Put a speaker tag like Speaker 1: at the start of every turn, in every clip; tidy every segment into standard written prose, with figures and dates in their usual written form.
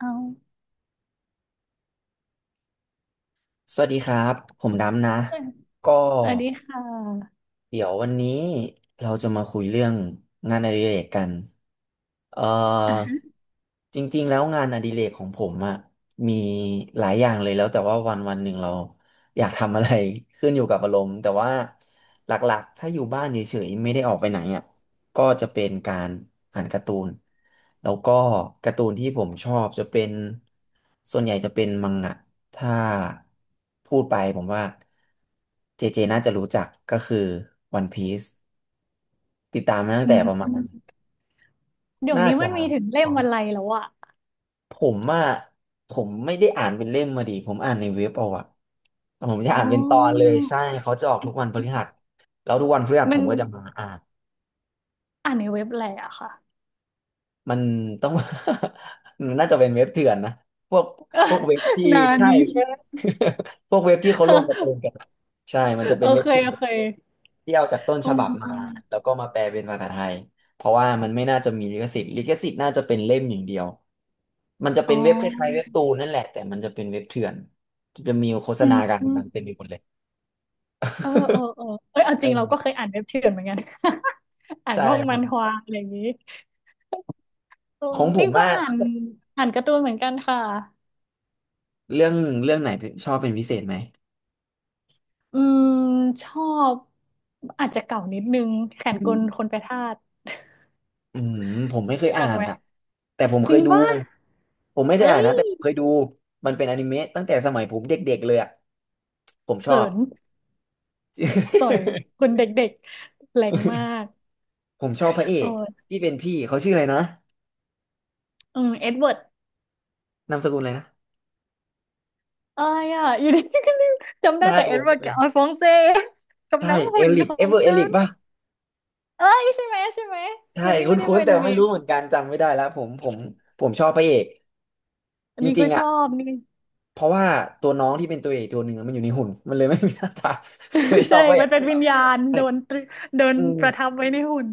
Speaker 1: เอา
Speaker 2: สวัสดีครับผมดำนะก็
Speaker 1: สวัสดีค่ะ
Speaker 2: เดี๋ยววันนี้เราจะมาคุยเรื่องงานอดิเรกกันเอ่อ
Speaker 1: อ่ะ
Speaker 2: จริงๆแล้วงานอดิเรกของผมอะมีหลายอย่างเลยแล้วแต่ว่าวันวันหนึ่งเราอยากทำอะไร ขึ้นอยู่กับอารมณ์แต่ว่าหลักๆถ้าอยู่บ้านเฉยๆไม่ได้ออกไปไหนอะก็จะเป็นการอ่านการ์ตูนแล้วก็การ์ตูนที่ผมชอบจะเป็นส่วนใหญ่จะเป็นมังงะ ถ้าพูดไปผมว่าเจเจน่าจะรู้จักก็คือวันพี e ติดตามมาตั้ง
Speaker 1: อื
Speaker 2: แต่
Speaker 1: ม
Speaker 2: ประมาณ
Speaker 1: เดี๋ยว
Speaker 2: น่า
Speaker 1: นี้
Speaker 2: จะ
Speaker 1: มันมีถึงเล่
Speaker 2: ผ
Speaker 1: ม
Speaker 2: ม
Speaker 1: อะไรแล้วอะ
Speaker 2: อ่ะผมไม่ได้อ่านเป็นเล่มมาดิผมอ่านในเว็บเอาอะแต่ผมจะ
Speaker 1: อ๋
Speaker 2: อ่านเป็นตอนเล
Speaker 1: อ
Speaker 2: ยใช่เขาจะออกทุกวันพฤหัสแล้วทุกวันพฤหัส
Speaker 1: มั
Speaker 2: ผ
Speaker 1: น
Speaker 2: มก็จะมาอ่าน
Speaker 1: อ่านในเว็บอะไรอะค่ะ
Speaker 2: มันต้อง มันน่าจะเป็นเว็บเถื่อนนะพวกพวกเว็บที่
Speaker 1: นา
Speaker 2: ใช่
Speaker 1: นี้
Speaker 2: พวกเว็บที่เขาลงการ์ตูนกัน อะใช่มันจะ
Speaker 1: โอ
Speaker 2: เป็นเว็บ
Speaker 1: เค
Speaker 2: ที่
Speaker 1: โอเค
Speaker 2: ที่เอาจากต้น
Speaker 1: อ๋
Speaker 2: ฉบับมา
Speaker 1: อ
Speaker 2: แล้วก็มาแปลเป็นภาษาไทยเพราะว่ามันไม่น่าจะมีลิขสิทธิ์ลิขสิทธิ์น่าจะเป็นเล่มอย่างเดียวมันจะ
Speaker 1: อ๋
Speaker 2: เป็นเว็บคล้ายๆเว็
Speaker 1: อ
Speaker 2: บตูนนั่นแหละแต่มันจะเป็นเว็บเถื่อนจะมีโฆษ
Speaker 1: อื
Speaker 2: ณา
Speaker 1: ม
Speaker 2: กันนั้นเต็มไปหมดเลย
Speaker 1: เออเออเออเอ้ยเอา
Speaker 2: เอ
Speaker 1: จริงเราก็เคย
Speaker 2: อ
Speaker 1: อ่านเว็บเถื่อนเหมือนกัน อ่าน
Speaker 2: ใช่
Speaker 1: พวก
Speaker 2: ผ
Speaker 1: มัน
Speaker 2: ม
Speaker 1: ฮวาอะไรอย่างนี้โอ้
Speaker 2: ของผ
Speaker 1: นี่
Speaker 2: ม
Speaker 1: ก็
Speaker 2: อะ
Speaker 1: อ่านอ่านการ์ตูนเหมือนกันค่ะ
Speaker 2: เรื่องเรื่องไหนชอบเป็นพิเศษไหม
Speaker 1: อืมชอบอาจจะเก่านิดนึงแขนกลคนไปทาส
Speaker 2: อืมผมไม่เคย
Speaker 1: รู้
Speaker 2: อ่า
Speaker 1: จัก
Speaker 2: น
Speaker 1: ไหม
Speaker 2: อะแต่ผม
Speaker 1: จ
Speaker 2: เค
Speaker 1: ริ
Speaker 2: ย
Speaker 1: ง
Speaker 2: ดู
Speaker 1: ป่ะ
Speaker 2: ผมไม่เค
Speaker 1: เอ้
Speaker 2: ยอ่านนะแต่ผ
Speaker 1: ย
Speaker 2: มเคยดูมันเป็นอนิเมะตั้งแต่สมัยผมเด็กๆเลยอะผมช
Speaker 1: เขิ
Speaker 2: อบ
Speaker 1: นจ่อยค นเด็กๆแรงมาก
Speaker 2: ผมชอบพระเอ
Speaker 1: โอ้
Speaker 2: ก
Speaker 1: ย
Speaker 2: ที่เป็นพี่เขาชื่ออะไรนะ
Speaker 1: อืมเอ็ดเวิร์ด
Speaker 2: นามสกุลอะไรนะ
Speaker 1: เอ้ยอ่ะอยู่ดีก็ลืมจำได้
Speaker 2: ใช่
Speaker 1: แต่
Speaker 2: ผ
Speaker 1: เอ็ด
Speaker 2: ม
Speaker 1: เวิ
Speaker 2: ก็
Speaker 1: ร์ด
Speaker 2: เลย
Speaker 1: กับอัลฟองเซกับ
Speaker 2: ใช่
Speaker 1: น้อง
Speaker 2: เอ
Speaker 1: หุ่น
Speaker 2: ลิก
Speaker 1: ขอ
Speaker 2: เอ
Speaker 1: ง
Speaker 2: เวอร์เอ
Speaker 1: ฉั
Speaker 2: ลิก
Speaker 1: น
Speaker 2: ป่ะ
Speaker 1: เอ้ยใช่ไหมใช่ไหม
Speaker 2: ใช่
Speaker 1: คือนี่ไม่ได้
Speaker 2: คุ้น
Speaker 1: เป็
Speaker 2: ๆ
Speaker 1: น
Speaker 2: แต่
Speaker 1: เม
Speaker 2: ไม่
Speaker 1: น
Speaker 2: รู้เหมือนกันจำไม่ได้แล้วผมชอบพระเอก
Speaker 1: อั
Speaker 2: จ
Speaker 1: นนี้
Speaker 2: ริ
Speaker 1: ก็
Speaker 2: งๆ
Speaker 1: ช
Speaker 2: อ่ะ
Speaker 1: อบนี่
Speaker 2: เพราะว่าตัวน้องที่เป็นตัวเอกตัวหนึ่งอะมันอยู่ในหุ่นมันเลยไม่มีหน้าตา เลยช อ
Speaker 1: ใช่
Speaker 2: บพระเอ
Speaker 1: มั
Speaker 2: ก
Speaker 1: นเป็นวิญญาณ
Speaker 2: ใช่
Speaker 1: โดนตรึโดน
Speaker 2: อืม
Speaker 1: ประทับไว้ในหุ่น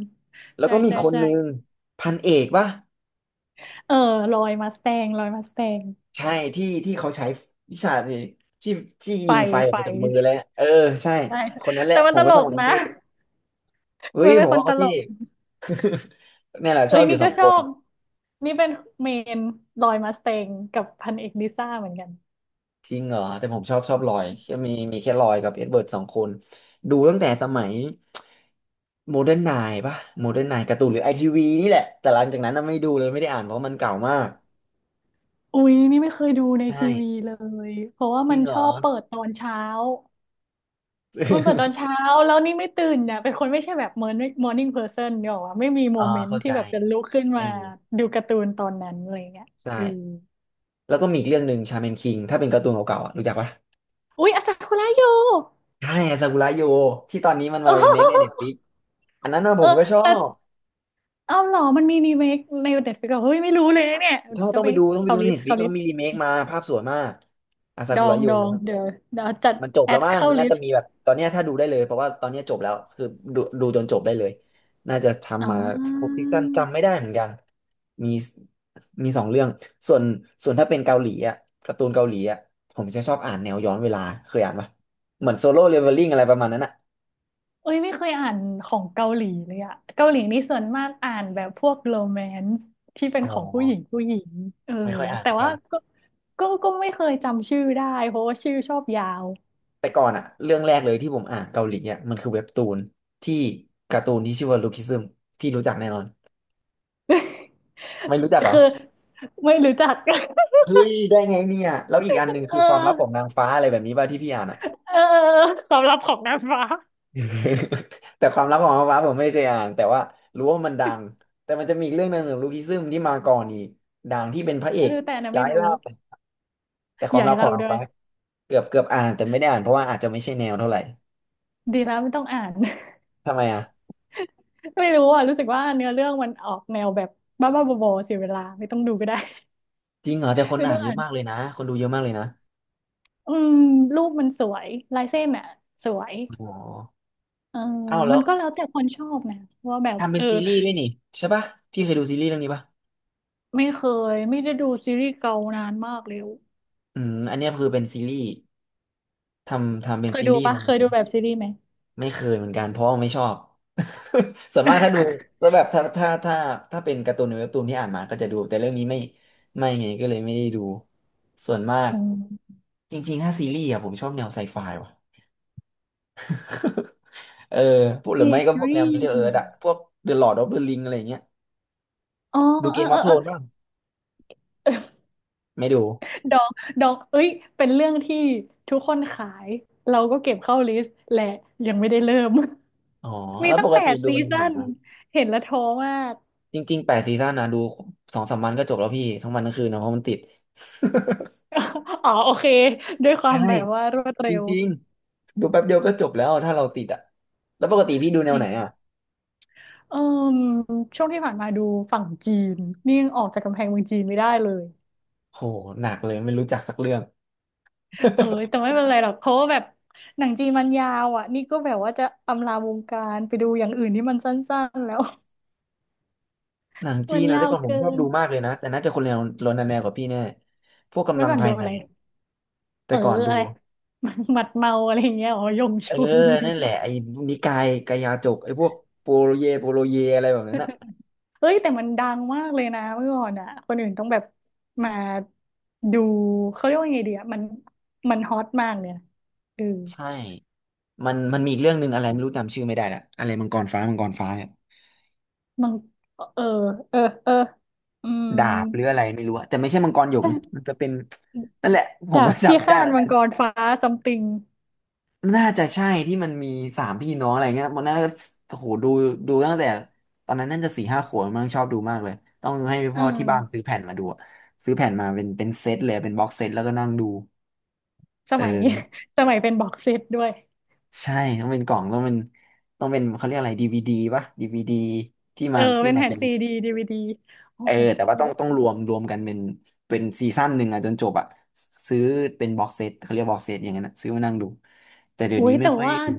Speaker 2: แล้ว
Speaker 1: ใช่
Speaker 2: ก็มี
Speaker 1: ใช่
Speaker 2: คน
Speaker 1: ใช่
Speaker 2: หนึ่งพันเอกป่ะ
Speaker 1: เออลอยมาสแตงลอยมาสแตง
Speaker 2: ใช่ที่ที่เขาใช้วิชาที่ที่
Speaker 1: ไฟ
Speaker 2: ยิงไฟออก
Speaker 1: ไฟ
Speaker 2: มาจากมือเลยอะเออใช่
Speaker 1: ใช่ใช่
Speaker 2: คนนั้นแหละ
Speaker 1: แต่มั
Speaker 2: ผ
Speaker 1: นต
Speaker 2: มก็
Speaker 1: ล
Speaker 2: ชอบ
Speaker 1: ก
Speaker 2: คนนั้น
Speaker 1: นะ
Speaker 2: ที่ เฮ้
Speaker 1: มั
Speaker 2: ย
Speaker 1: นเป็
Speaker 2: ผ
Speaker 1: น
Speaker 2: ม
Speaker 1: คน
Speaker 2: ว่า
Speaker 1: ต
Speaker 2: เขา
Speaker 1: ล
Speaker 2: ที่
Speaker 1: ก
Speaker 2: เนี่ยแหละช
Speaker 1: เอ้
Speaker 2: อ
Speaker 1: ย
Speaker 2: บอ
Speaker 1: นี่
Speaker 2: ยู่ส
Speaker 1: ก็
Speaker 2: อง
Speaker 1: ช
Speaker 2: ค
Speaker 1: อ
Speaker 2: น
Speaker 1: บ นี่เป็นเมนลอยมาสเตงกับพันเอกดิซ่าเหมือนกัน
Speaker 2: จริงเหรอแต่ผมชอบชอบลอยแค่มีมีแค่ลอยกับเอ็ดเบิร์ดสองคนดูตั้งแต่สมัยโมเดิร์นไนน์ป่ะโมเดิร์นไนน์การ์ตูนหรือไอทีวีนี่แหละแต่หลังจากนั้นน่ะไม่ดูเลยไม่ได้อ่านเพราะมันเก่ามาก
Speaker 1: อุ้ยนี่ไม่เคยดูใน
Speaker 2: ใช
Speaker 1: ทีวี
Speaker 2: ่
Speaker 1: เลย เพราะว่า
Speaker 2: จริ
Speaker 1: มัน
Speaker 2: งเหร
Speaker 1: ช
Speaker 2: อ
Speaker 1: อบเปิดตอนเช้า มันเปิดตอ นเช้าแล้วนี่ไม่ตื่นเนี่ยเป็นคนไม่ใช่แบบมอร์นิ่งมอร์นิ่งเพอร์เซนเนี่ยหรอกวะไม่มีโม
Speaker 2: อ๋อ
Speaker 1: เมนต์
Speaker 2: เข้า
Speaker 1: ที่
Speaker 2: ใจ
Speaker 1: แบบจะลุกขึ้น
Speaker 2: เอ
Speaker 1: มา
Speaker 2: อ
Speaker 1: ดูการ์ตูนตอนนั้นอะไรเงี้ย
Speaker 2: ใช่
Speaker 1: เออ
Speaker 2: แล้วก็มีอีกเรื่องหนึ่งชาแมนคิงถ้าเป็นการ์ตูนเก่าๆอ่ะรู้จักปะ
Speaker 1: อุ้ยอาซาคุระอยู่
Speaker 2: ใช่ซากุระโยที่ตอนนี้มัน
Speaker 1: เอ
Speaker 2: มารีเมคในเน็ตฟ
Speaker 1: อ
Speaker 2: ลิกอันนั้นนะ ผ
Speaker 1: เอ
Speaker 2: ม
Speaker 1: อ
Speaker 2: ก็ชอ
Speaker 1: แต่
Speaker 2: บ
Speaker 1: เอ้าเหรอมันมีรีเมคในเน็ตฟลิกซ์เฮ้ยไม่รู้เลยนะเนี่ย
Speaker 2: ชอบ
Speaker 1: ต้อ
Speaker 2: ต้อ
Speaker 1: ง
Speaker 2: ง
Speaker 1: ไป
Speaker 2: ไปดูต้องไป
Speaker 1: เข้า
Speaker 2: ดูใน
Speaker 1: ลิส
Speaker 2: เน็
Speaker 1: ต์
Speaker 2: ตฟลิก
Speaker 1: เข้า
Speaker 2: ก็
Speaker 1: ลิสต์
Speaker 2: มีรีเมคมาภาพสวยมากอาซา
Speaker 1: ดอ
Speaker 2: กุระ
Speaker 1: ง
Speaker 2: โย
Speaker 1: ดองเดี๋ยวเดี๋ยวจัด
Speaker 2: มันจบ
Speaker 1: แอ
Speaker 2: แล้ว
Speaker 1: ด
Speaker 2: มั้ง
Speaker 1: เข้า
Speaker 2: มัน
Speaker 1: ลิ
Speaker 2: น่า
Speaker 1: ส
Speaker 2: จะ
Speaker 1: ต์
Speaker 2: มีแบบตอนเนี้ยถ้าดูได้เลยเพราะว่าตอนเนี้ยจบแล้วคือดูดูจนจบได้เลยน่าจะทำ
Speaker 1: อ่า
Speaker 2: มาพวกติกตันจำไม่ได้เหมือนกันมีมีสองเรื่องส่วนส่วนถ้าเป็นเกาหลีอ่ะการ์ตูนเกาหลีอ่ะผมจะชอบอ่านแนวย้อนเวลาเคยอ่านปะเหมือนโซโล่เลเวลลิ่งอะไรประมาณนั้นอ่ะ
Speaker 1: เอ้ยไม่เคยอ่านของเกาหลีเลยอะเกาหลีนี่ส่วนมากอ่านแบบพวกโรแมนซ์ที่เป็น
Speaker 2: อ๋อ
Speaker 1: ของผู้หญิงผู้หญิงเออ
Speaker 2: ไม่ค่อยอ่าน
Speaker 1: แต่
Speaker 2: เหมือนกั
Speaker 1: ว่า
Speaker 2: น
Speaker 1: ก็ก็ไม่เคยจำชื่อได้เพราะว่าชื่อชอบยาว
Speaker 2: แต่ก่อนอะเรื่องแรกเลยที่ผมอ่านเกาหลีอะมันคือเว็บตูนที่การ์ตูนที่ชื่อว่าลูคิซึมพี่รู้จักแน่นอนไม่รู้จักเหรอ
Speaker 1: คือไม่รู้จัก
Speaker 2: เฮ้ยได้ไงเนี่ยแล้วอีกอันหนึ่ง
Speaker 1: เอ
Speaker 2: คื
Speaker 1: อ
Speaker 2: อความลับของนางฟ้าอะไรแบบนี้ป่ะที่พี่อ่านอ่ะ
Speaker 1: เออเออสำหรับของนางฟ้า
Speaker 2: แต่ความลับของนางฟ้าผมไม่เคยอ่านแต่ว่ารู้ว่ามันดังแต่มันจะมีอีกเรื่องหนึ่งของลูคิซึมที่มาก่อนอีกดังที่เป็นพระเอ
Speaker 1: เออ
Speaker 2: ก
Speaker 1: แต่นะ
Speaker 2: ย้า
Speaker 1: ไม่
Speaker 2: ยล่า
Speaker 1: รู้
Speaker 2: ไแต่ค
Speaker 1: ให
Speaker 2: วาม
Speaker 1: ญ่
Speaker 2: ลับขอ
Speaker 1: เรา
Speaker 2: งนาง
Speaker 1: ด้วย
Speaker 2: ฟ้าเกือบเกือบอ่านแต่ไม่ได้อ่านเพราะว่าอาจจะไม่ใช่แนวเท่าไหร่
Speaker 1: ดีแล้วไม่ต้องอ่าน
Speaker 2: ทำไมอ่ะ
Speaker 1: ไม่รู้อ่ะรู้สึกว่าเนื้อเรื่องมันออกแนวแบบบ้าบ้าบอๆเสียเวลาไม่ต้องดูก็ได้
Speaker 2: จริงเหรอแต่คน
Speaker 1: ไม่
Speaker 2: อ่า
Speaker 1: ต้
Speaker 2: น
Speaker 1: อง
Speaker 2: เย
Speaker 1: อ่า
Speaker 2: อะ
Speaker 1: น
Speaker 2: มากเลยนะคนดูเยอะมากเลยนะ
Speaker 1: อืมรูปมันสวยลายเส้นอ่ะสวย
Speaker 2: อ๋อ
Speaker 1: เออ
Speaker 2: เอ้าแล้
Speaker 1: มั
Speaker 2: ว
Speaker 1: นก็แล้วแต่คนชอบนะว่าแบบ
Speaker 2: ทำเป็
Speaker 1: เอ
Speaker 2: น
Speaker 1: อ
Speaker 2: ซีรีส์ด้วยนี่ใช่ป่ะพี่เคยดูซีรีส์เรื่องนี้ป่ะ
Speaker 1: ไม่เคยไม่ได้ดูซีรีส์เกานานมากแล้ว
Speaker 2: อืมอันเนี้ยคือเป็นซีรีส์ทำทำเป็
Speaker 1: เค
Speaker 2: น
Speaker 1: ย
Speaker 2: ซี
Speaker 1: ดู
Speaker 2: รีส์
Speaker 1: ปะ
Speaker 2: มาจ
Speaker 1: เคยดู
Speaker 2: ริง
Speaker 1: แบบซีรีส์ไหม
Speaker 2: ไม่เคยเหมือนกันเพราะว่าไม่ชอบ ส่วนมากถ้าดู แล้วแบบถ้าถ้าเป็นการ์ตูนในเว็บตูนที่อ่านมาก็จะดูแต่เรื่องนี้ไม่ไม่ไงก็เลยไม่ได้ดู ส่วนมาก
Speaker 1: อืม
Speaker 2: จริงๆถ้าซีรีส์อะผมชอบแนวไซไฟว่ะเออพวกหรื
Speaker 1: ซี
Speaker 2: อไม่ก็พวกแน
Speaker 1: รี
Speaker 2: ว Middle Earth
Speaker 1: ส์
Speaker 2: อะพวก The Lord of the Ring อะไรอย่างเงี้ย
Speaker 1: อ๋อ
Speaker 2: ดู
Speaker 1: เอ
Speaker 2: เก
Speaker 1: อ
Speaker 2: มอ
Speaker 1: เอ
Speaker 2: อฟ
Speaker 1: อ
Speaker 2: โท
Speaker 1: เออ
Speaker 2: นบ้างไม่ดู
Speaker 1: ดอกดองเอ้ยเป็นเรื่องที่ทุกคนขายเราก็เก็บเข้าลิสต์และยังไม่ได้เริ่ม
Speaker 2: อ๋อ
Speaker 1: มี
Speaker 2: แล้วป
Speaker 1: ตั้ง
Speaker 2: ก
Speaker 1: แป
Speaker 2: ติ
Speaker 1: ด
Speaker 2: ดู
Speaker 1: ซี
Speaker 2: หนังไห
Speaker 1: ซั่
Speaker 2: น
Speaker 1: น
Speaker 2: มา
Speaker 1: เห็นแล้วท้อมาก
Speaker 2: จริงๆ8 ซีซั่นนะดู2-3 วันก็จบแล้วพี่ทั้งวันทั้งคืนนะเพราะมันติด
Speaker 1: อ๋อโอเคด้วยควา
Speaker 2: ใช่
Speaker 1: มแบบว่ารวด
Speaker 2: จ
Speaker 1: เร็ว
Speaker 2: ริงๆดูแป๊บเดียวก็จบแล้วถ้าเราติดอ่ะแล้วปกติพี่ดูแน
Speaker 1: จ
Speaker 2: ว
Speaker 1: ริ
Speaker 2: ไหนอ่ะ
Speaker 1: งเอมช่วงที่ผ่านมาดูฝั่งจีนนี่ยังออกจากกำแพงเมืองจีนไม่ได้เลย
Speaker 2: โหหนักเลยไม่รู้จักสักเรื่อง
Speaker 1: เออแต่ไม่เป็นไรหรอกเพราะว่าแบบหนังจีนมันยาวอ่ะนี่ก็แบบว่าจะอำลาวงการไปดูอย่างอื่นที่มันสั้นๆแล้ว
Speaker 2: หนัง จี
Speaker 1: มั
Speaker 2: น
Speaker 1: น
Speaker 2: นะ
Speaker 1: ยา
Speaker 2: แต่
Speaker 1: ว
Speaker 2: ก่อนผม
Speaker 1: เกิ
Speaker 2: ชอบ
Speaker 1: น
Speaker 2: ดูมากเลยนะแต่น่าจะคนแนวโรนันแนวกับพี่แน่พวกกำ
Speaker 1: เมื่
Speaker 2: ลั
Speaker 1: อ
Speaker 2: ง
Speaker 1: ก่อน
Speaker 2: ภา
Speaker 1: ดู
Speaker 2: ยใน
Speaker 1: อะไร
Speaker 2: อะ
Speaker 1: เอ
Speaker 2: แต่
Speaker 1: อ
Speaker 2: ก่อน
Speaker 1: อะ
Speaker 2: ดู
Speaker 1: ไร หมัดเมาอะไรอย่างเงี้ยอ๋อยง
Speaker 2: เออ
Speaker 1: ชุน นี่
Speaker 2: นั่นแหละไอ้นิกายกายาจกไอ้พวกโปโลเยโปโลเยอะไรแบบนั้นอ่ะ
Speaker 1: เฮ้ยแต่มันดังมากเลยนะเมื่อก่อนอ่ะคนอื่นต้องแบบมาดูเขาเรียกว่าไงดีอ่ะมันฮอตมากเลยนะเออ
Speaker 2: ใช่มันมีอีกเรื่องหนึ่งอะไรไม่รู้จำชื่อไม่ได้ละอะไรมังกรฟ้ามังกรฟ้าเนี่ย
Speaker 1: มังเออเออเอออืม
Speaker 2: ดาบหรืออะไรไม่รู้อะแต่ไม่ใช่มังกรหยกนะมันจะเป็นนั่นแหละผม
Speaker 1: ดา
Speaker 2: ก็
Speaker 1: บพิ
Speaker 2: จำไม่ได้
Speaker 1: ฆา
Speaker 2: เห
Speaker 1: ต
Speaker 2: มือน
Speaker 1: มั
Speaker 2: กั
Speaker 1: ง
Speaker 2: น
Speaker 1: กรฟ้าซัมติง
Speaker 2: น่าจะใช่ที่มันมี3 พี่น้องอะไรเงี้ยมันน่าจะโอ้โหดูตั้งแต่ตอนนั้นน่าจะ4-5 ขวบมั้งชอบดูมากเลยต้องให้
Speaker 1: เอ
Speaker 2: พ่อที่บ้านซื้อ
Speaker 1: อ
Speaker 2: แผ่นมาดูอะซื้อแผ่นมาเป็นเซตเลยเป็นบ็อกเซตแล้วก็นั่งดู
Speaker 1: ส
Speaker 2: เอ
Speaker 1: มัย
Speaker 2: อ
Speaker 1: สมัยเป็นบ็อกเซตด้วย
Speaker 2: ใช่ต้องเป็นกล่องต้องเป็นต้องเป็นเขาเรียกอะไรดีวีดีปะดีวีดีที่
Speaker 1: เอ
Speaker 2: มา
Speaker 1: อ
Speaker 2: ที่
Speaker 1: เป็น
Speaker 2: มา
Speaker 1: แผ่น
Speaker 2: เป็น
Speaker 1: ซีดีดีวีดีโอ้
Speaker 2: เออ
Speaker 1: โห
Speaker 2: แต่ว่าต้องรวมกันเป็นเป็นซีซั่นหนึ่งอะจนจบอะซื้อเป็นบ็อกเซตเขาเรียกบ็อกเซตอย่างนั้นอะซื้อมานั่งดูแต่เดี๋ยว
Speaker 1: อุ้
Speaker 2: นี้
Speaker 1: ย
Speaker 2: ไม่
Speaker 1: แต่
Speaker 2: ค่อย
Speaker 1: ว่า
Speaker 2: ดู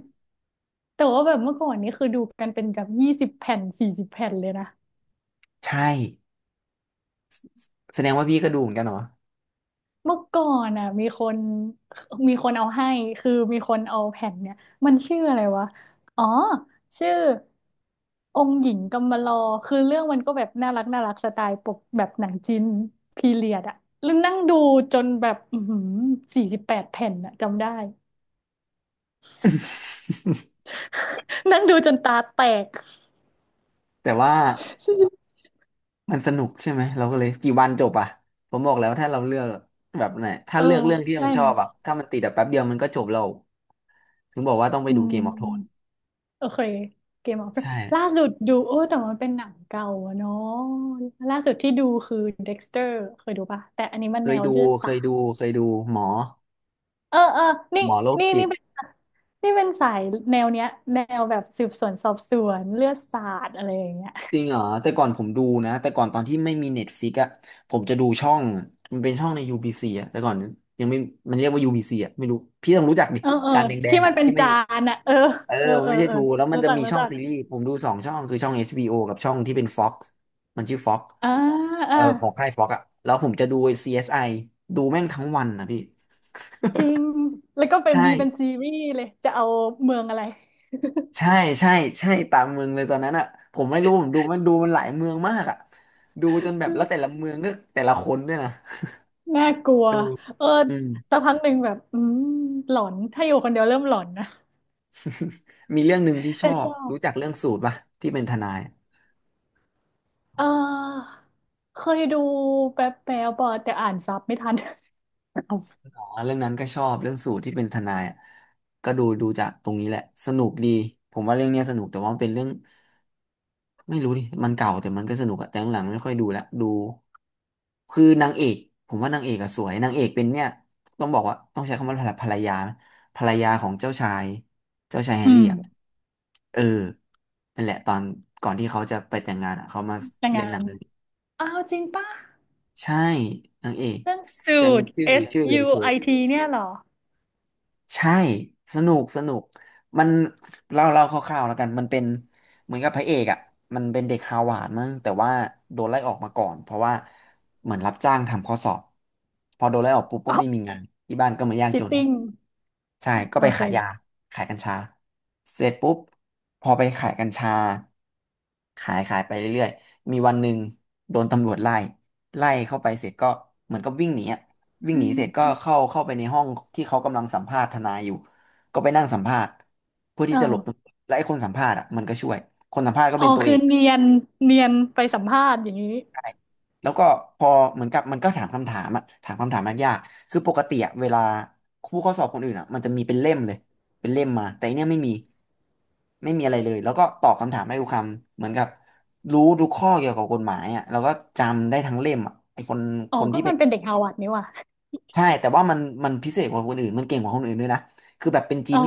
Speaker 1: แบบเมื่อก่อนนี้คือดูกันเป็นแบบ20 แผ่น 40 แผ่นเลยนะ
Speaker 2: ใช่แสดงว่าพี่ก็ดูเหมือนกันเหรอ
Speaker 1: เมื่อก่อนอ่ะมีคนเอาให้คือมีคนเอาแผ่นเนี่ยมันชื่ออะไรวะอ๋อชื่อองค์หญิงกำมะลอคือเรื่องมันก็แบบน่ารักน่ารักสไตล์ปกแบบหนังจีนพีเรียดอ่ะแล้วนั่งดูจนแบบอือหือ48 แผ่นอ่ะจำได้ นั่งดูจนตาแตก
Speaker 2: แต่ว่ามันสนุกใช่ไหมเราก็เลยกี่วันจบอ่ะผมบอกแล้วถ้าเราเลือกแบบไหน ถ้า
Speaker 1: เออ
Speaker 2: เลือกเรื่องที่มั
Speaker 1: ใช่
Speaker 2: นชอบอ่ะถ้ามันติดแบบแป๊บเดียวมันก็จบเราถึงบอกว่าต้องไป
Speaker 1: อื
Speaker 2: ดู
Speaker 1: ม
Speaker 2: เกมออฟโทน
Speaker 1: โอเคเกมออฟ
Speaker 2: ใช่
Speaker 1: ล่าสุดดูโอ้แต่มันเป็นหนังเก่าอะเนาะล่าสุดที่ดูคือเด็กสเตอร์เคยดูปะแต่อันนี้มัน
Speaker 2: เค
Speaker 1: แน
Speaker 2: ย
Speaker 1: ว
Speaker 2: ดู
Speaker 1: เลือด
Speaker 2: เค
Speaker 1: สา
Speaker 2: ยดู
Speaker 1: ด
Speaker 2: เคยดูหมอ
Speaker 1: เออเออนี่
Speaker 2: หมอโรค
Speaker 1: นี่
Speaker 2: จิ
Speaker 1: นี่
Speaker 2: ต
Speaker 1: เป็นนี่เป็นสายแนวเนี้ยแนวแบบสืบสวนสอบสวนเลือดสาดอะไรอย่างเงี้ย
Speaker 2: จริงเหรอแต่ก่อนผมดูนะแต่ก่อนตอนที่ไม่มีเน็ตฟิกอ่ะผมจะดูช่องมันเป็นช่องใน UBC อ่ะแต่ก่อนยังไม่มันเรียกว่า UBC อ่ะไม่รู้พี่ต้องรู้จักดิ
Speaker 1: เออเออ
Speaker 2: จานแด
Speaker 1: ที่
Speaker 2: งๆ
Speaker 1: มั
Speaker 2: อ่ะ
Speaker 1: นเป็น
Speaker 2: ที่ไม่
Speaker 1: จานอะเออ
Speaker 2: เออ
Speaker 1: เออ
Speaker 2: มัน
Speaker 1: เออ
Speaker 2: ไม่ใช่
Speaker 1: เออ
Speaker 2: ทูแล้วมัน
Speaker 1: รู้
Speaker 2: จะ
Speaker 1: จัก
Speaker 2: มี
Speaker 1: รู้
Speaker 2: ช่อง
Speaker 1: จัก
Speaker 2: ซีรีส์ผมดู2 ช่องคือช่อง HBO กับช่องที่เป็น Fox มันชื่อ Fox
Speaker 1: อ่า
Speaker 2: เอ
Speaker 1: อ่า
Speaker 2: อของค่าย Fox อ่ะแล้วผมจะดู CSI ดูแม่งทั้งวันนะพี่
Speaker 1: จริงแล้วก็เป็น
Speaker 2: ใช่
Speaker 1: มีเป็นซีรีส์เลยจะเอาเมืองอะไร
Speaker 2: ใช่ใช่ใช่ตามเมืองเลยตอนนั้นอ่ะผมไม่รู้ผมดูมันหลายเมืองมากอ่ะดูจนแบบแล้วแต่ละเมืองก็แต่ละคนด้วยนะ
Speaker 1: น่ากลัว
Speaker 2: ดู
Speaker 1: เออ
Speaker 2: อืม
Speaker 1: สักพักหนึ่งแบบอืมหลอนถ้าอยู่คนเดียวเริ่มหลอนนะ
Speaker 2: มีเรื่องหนึ่งที่ช
Speaker 1: แต่
Speaker 2: อ
Speaker 1: ช
Speaker 2: บ
Speaker 1: อบ
Speaker 2: รู้จักเรื่องสูตรป่ะที่เป็นทนาย
Speaker 1: เออเคยดูแป๊บแป๊บๆอะแต่อ่านซับไม่ทัน
Speaker 2: อ๋อเรื่องนั้นก็ชอบเรื่องสูตรที่เป็นทนายอะก็ดูจากตรงนี้แหละสนุกดีผมว่าเรื่องเนี้ยสนุกแต่ว่ามันเป็นเรื่องไม่รู้ดิมันเก่าแต่มันก็สนุกอะแต่หลังๆไม่ค่อยดูละดูคือนางเอกผมว่านางเอกอะสวยนางเอกเป็นเนี่ยต้องบอกว่าต้องใช้คำว่าภรรยาไหมภรรยาของเจ้าชายเจ้าชายแฮ
Speaker 1: อื
Speaker 2: ร์รี่
Speaker 1: ม
Speaker 2: อะเออนั่นแหละตอนก่อนที่เขาจะไปแต่งงานอะเขามา
Speaker 1: แต่
Speaker 2: เล่
Speaker 1: งา
Speaker 2: นหนั
Speaker 1: น
Speaker 2: งเรื่องนี้
Speaker 1: อ้าวจริงป่ะ
Speaker 2: ใช่นางเอก
Speaker 1: เรื่องสู
Speaker 2: ยัง
Speaker 1: ตร
Speaker 2: ชื่อ
Speaker 1: S
Speaker 2: ชื่อเร
Speaker 1: U
Speaker 2: เช
Speaker 1: I
Speaker 2: ล
Speaker 1: T เนี่ยเหรอ
Speaker 2: ใช่สนุกสนุกมันเล่าคร่าวๆแล้วกันมันเป็นเหมือนกับพระเอกอ่ะมันเป็นเด็กฮาวาดมั้งแต่ว่าโดนไล่ออกมาก่อนเพราะว่าเหมือนรับจ้างทำข้อสอบพอโดนไล่ออกปุ๊บก็
Speaker 1: อ๋
Speaker 2: ไม่มี
Speaker 1: อ
Speaker 2: งานที่บ้านก็มายาก
Speaker 1: ชิ
Speaker 2: จ
Speaker 1: ต
Speaker 2: น
Speaker 1: ติ้ง
Speaker 2: ใช่ก็
Speaker 1: โอ
Speaker 2: ไปขายยา
Speaker 1: เค
Speaker 2: ขายกัญชาเสร็จปุ๊บพอไปขายกัญชาขายไปเรื่อยๆมีวันหนึ่งโดนตำรวจไล่ไล่เข้าไปเสร็จก็เหมือนกับวิ่งหนีอะ วิ่งหนีเสร็จก็เข้าไปในห้องที่เขากำลังสัมภาษณ์ทนายอยู่ก็ไปนั่งสัมภาษณ์เพื่อที่
Speaker 1: อ๋
Speaker 2: จะหลบตำร
Speaker 1: อ
Speaker 2: วจและไอ้คนสัมภาษณ์อ่ะมันก็ช่วยคนสัมภาษณ์ก็
Speaker 1: อ๋อ
Speaker 2: เป็นตัว
Speaker 1: คื
Speaker 2: เอ
Speaker 1: อ
Speaker 2: ง
Speaker 1: เนียนเนียนไปสัมภาษณ์อย่างนี้
Speaker 2: ใช่แล้วก็พอเหมือนกับมันก็ถามคำถามอ่ะถามคำถามยากๆคือปกติอะเวลาผู้เข้าสอบคนอื่นอ่ะมันจะมีเป็นเล่มเลยเป็นเล่มมาแต่อันเนี้ยไม่มีไม่มีอะไรเลยแล้วก็ตอบคำถามได้ทุกคำเหมือนกับรู้ทุกข้อเกี่ยวกับกฎหมายอ่ะแล้วก็จำได้ทั้งเล่มอ่ะไอ้คน
Speaker 1: อ๋
Speaker 2: ค
Speaker 1: อ
Speaker 2: น
Speaker 1: ก็
Speaker 2: ที่เป็
Speaker 1: มัน
Speaker 2: น
Speaker 1: เป็นเด็กฮาวาดนี่ว่ะ
Speaker 2: ใช่แต่ว่ามันพิเศษกว่าคนอื่นมันเก่งกว่าคนอื่นด้วยนะ
Speaker 1: อ๋อ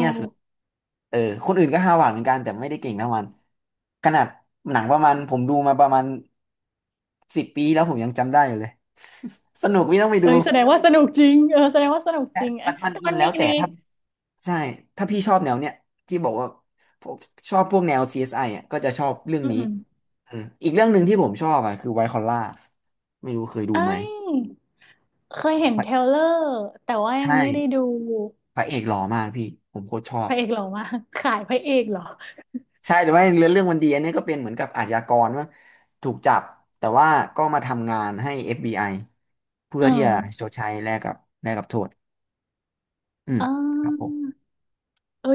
Speaker 2: เออคนอื่นก็ห้าวหวาดเหมือนกันแต่ไม่ได้เก่งเท่ามันขนาดหนังประมาณผมดูมาประมาณ10 ปีแล้วผมยังจำได้อยู่เลย สนุกพี่ต้องไป
Speaker 1: เอ
Speaker 2: ดู
Speaker 1: อแสดงว่าสนุกจริงเออแสดงว่าสนุกจริง
Speaker 2: แต่
Speaker 1: เอ๊ะ
Speaker 2: มันมัน
Speaker 1: แต่
Speaker 2: มั
Speaker 1: มั
Speaker 2: น
Speaker 1: น
Speaker 2: แล้
Speaker 1: มี
Speaker 2: วแต่
Speaker 1: ใน
Speaker 2: ถ้าใช่ถ้าพี่ชอบแนวเนี้ยที่บอกว่าผมชอบพวกแนว CSI อสไออ่ะก็จะชอบเรื่อง
Speaker 1: อื
Speaker 2: นี้
Speaker 1: ม
Speaker 2: อืมอีกเรื่องหนึ่งที่ผมชอบอ่ะคือไวท์คอลล่าไม่รู้เคยดู
Speaker 1: เอ้
Speaker 2: ไหม
Speaker 1: ยเคยเห็น
Speaker 2: พ
Speaker 1: เทรล
Speaker 2: ระ
Speaker 1: เลอร์แต่ว่ายั
Speaker 2: ใช่
Speaker 1: งไม่ได้ดู
Speaker 2: พระเอกหล่อมากพี่ผมโคตรชอ
Speaker 1: พ
Speaker 2: บ
Speaker 1: ระเอกหล่อมาก ขายพระเอกเหรอ
Speaker 2: ใช่แต่ว่าเรื่องวมันดีอันนี้ก็เป็นเหมือนกับอาชญากรว่าถูกจับแต่ว่าก็มาทำงานให้ FBI เพื่
Speaker 1: เอ
Speaker 2: อ
Speaker 1: อ
Speaker 2: ที่จะชดใช้แลกกับแลกกับโทษอืม
Speaker 1: เอ
Speaker 2: ครับผม
Speaker 1: อ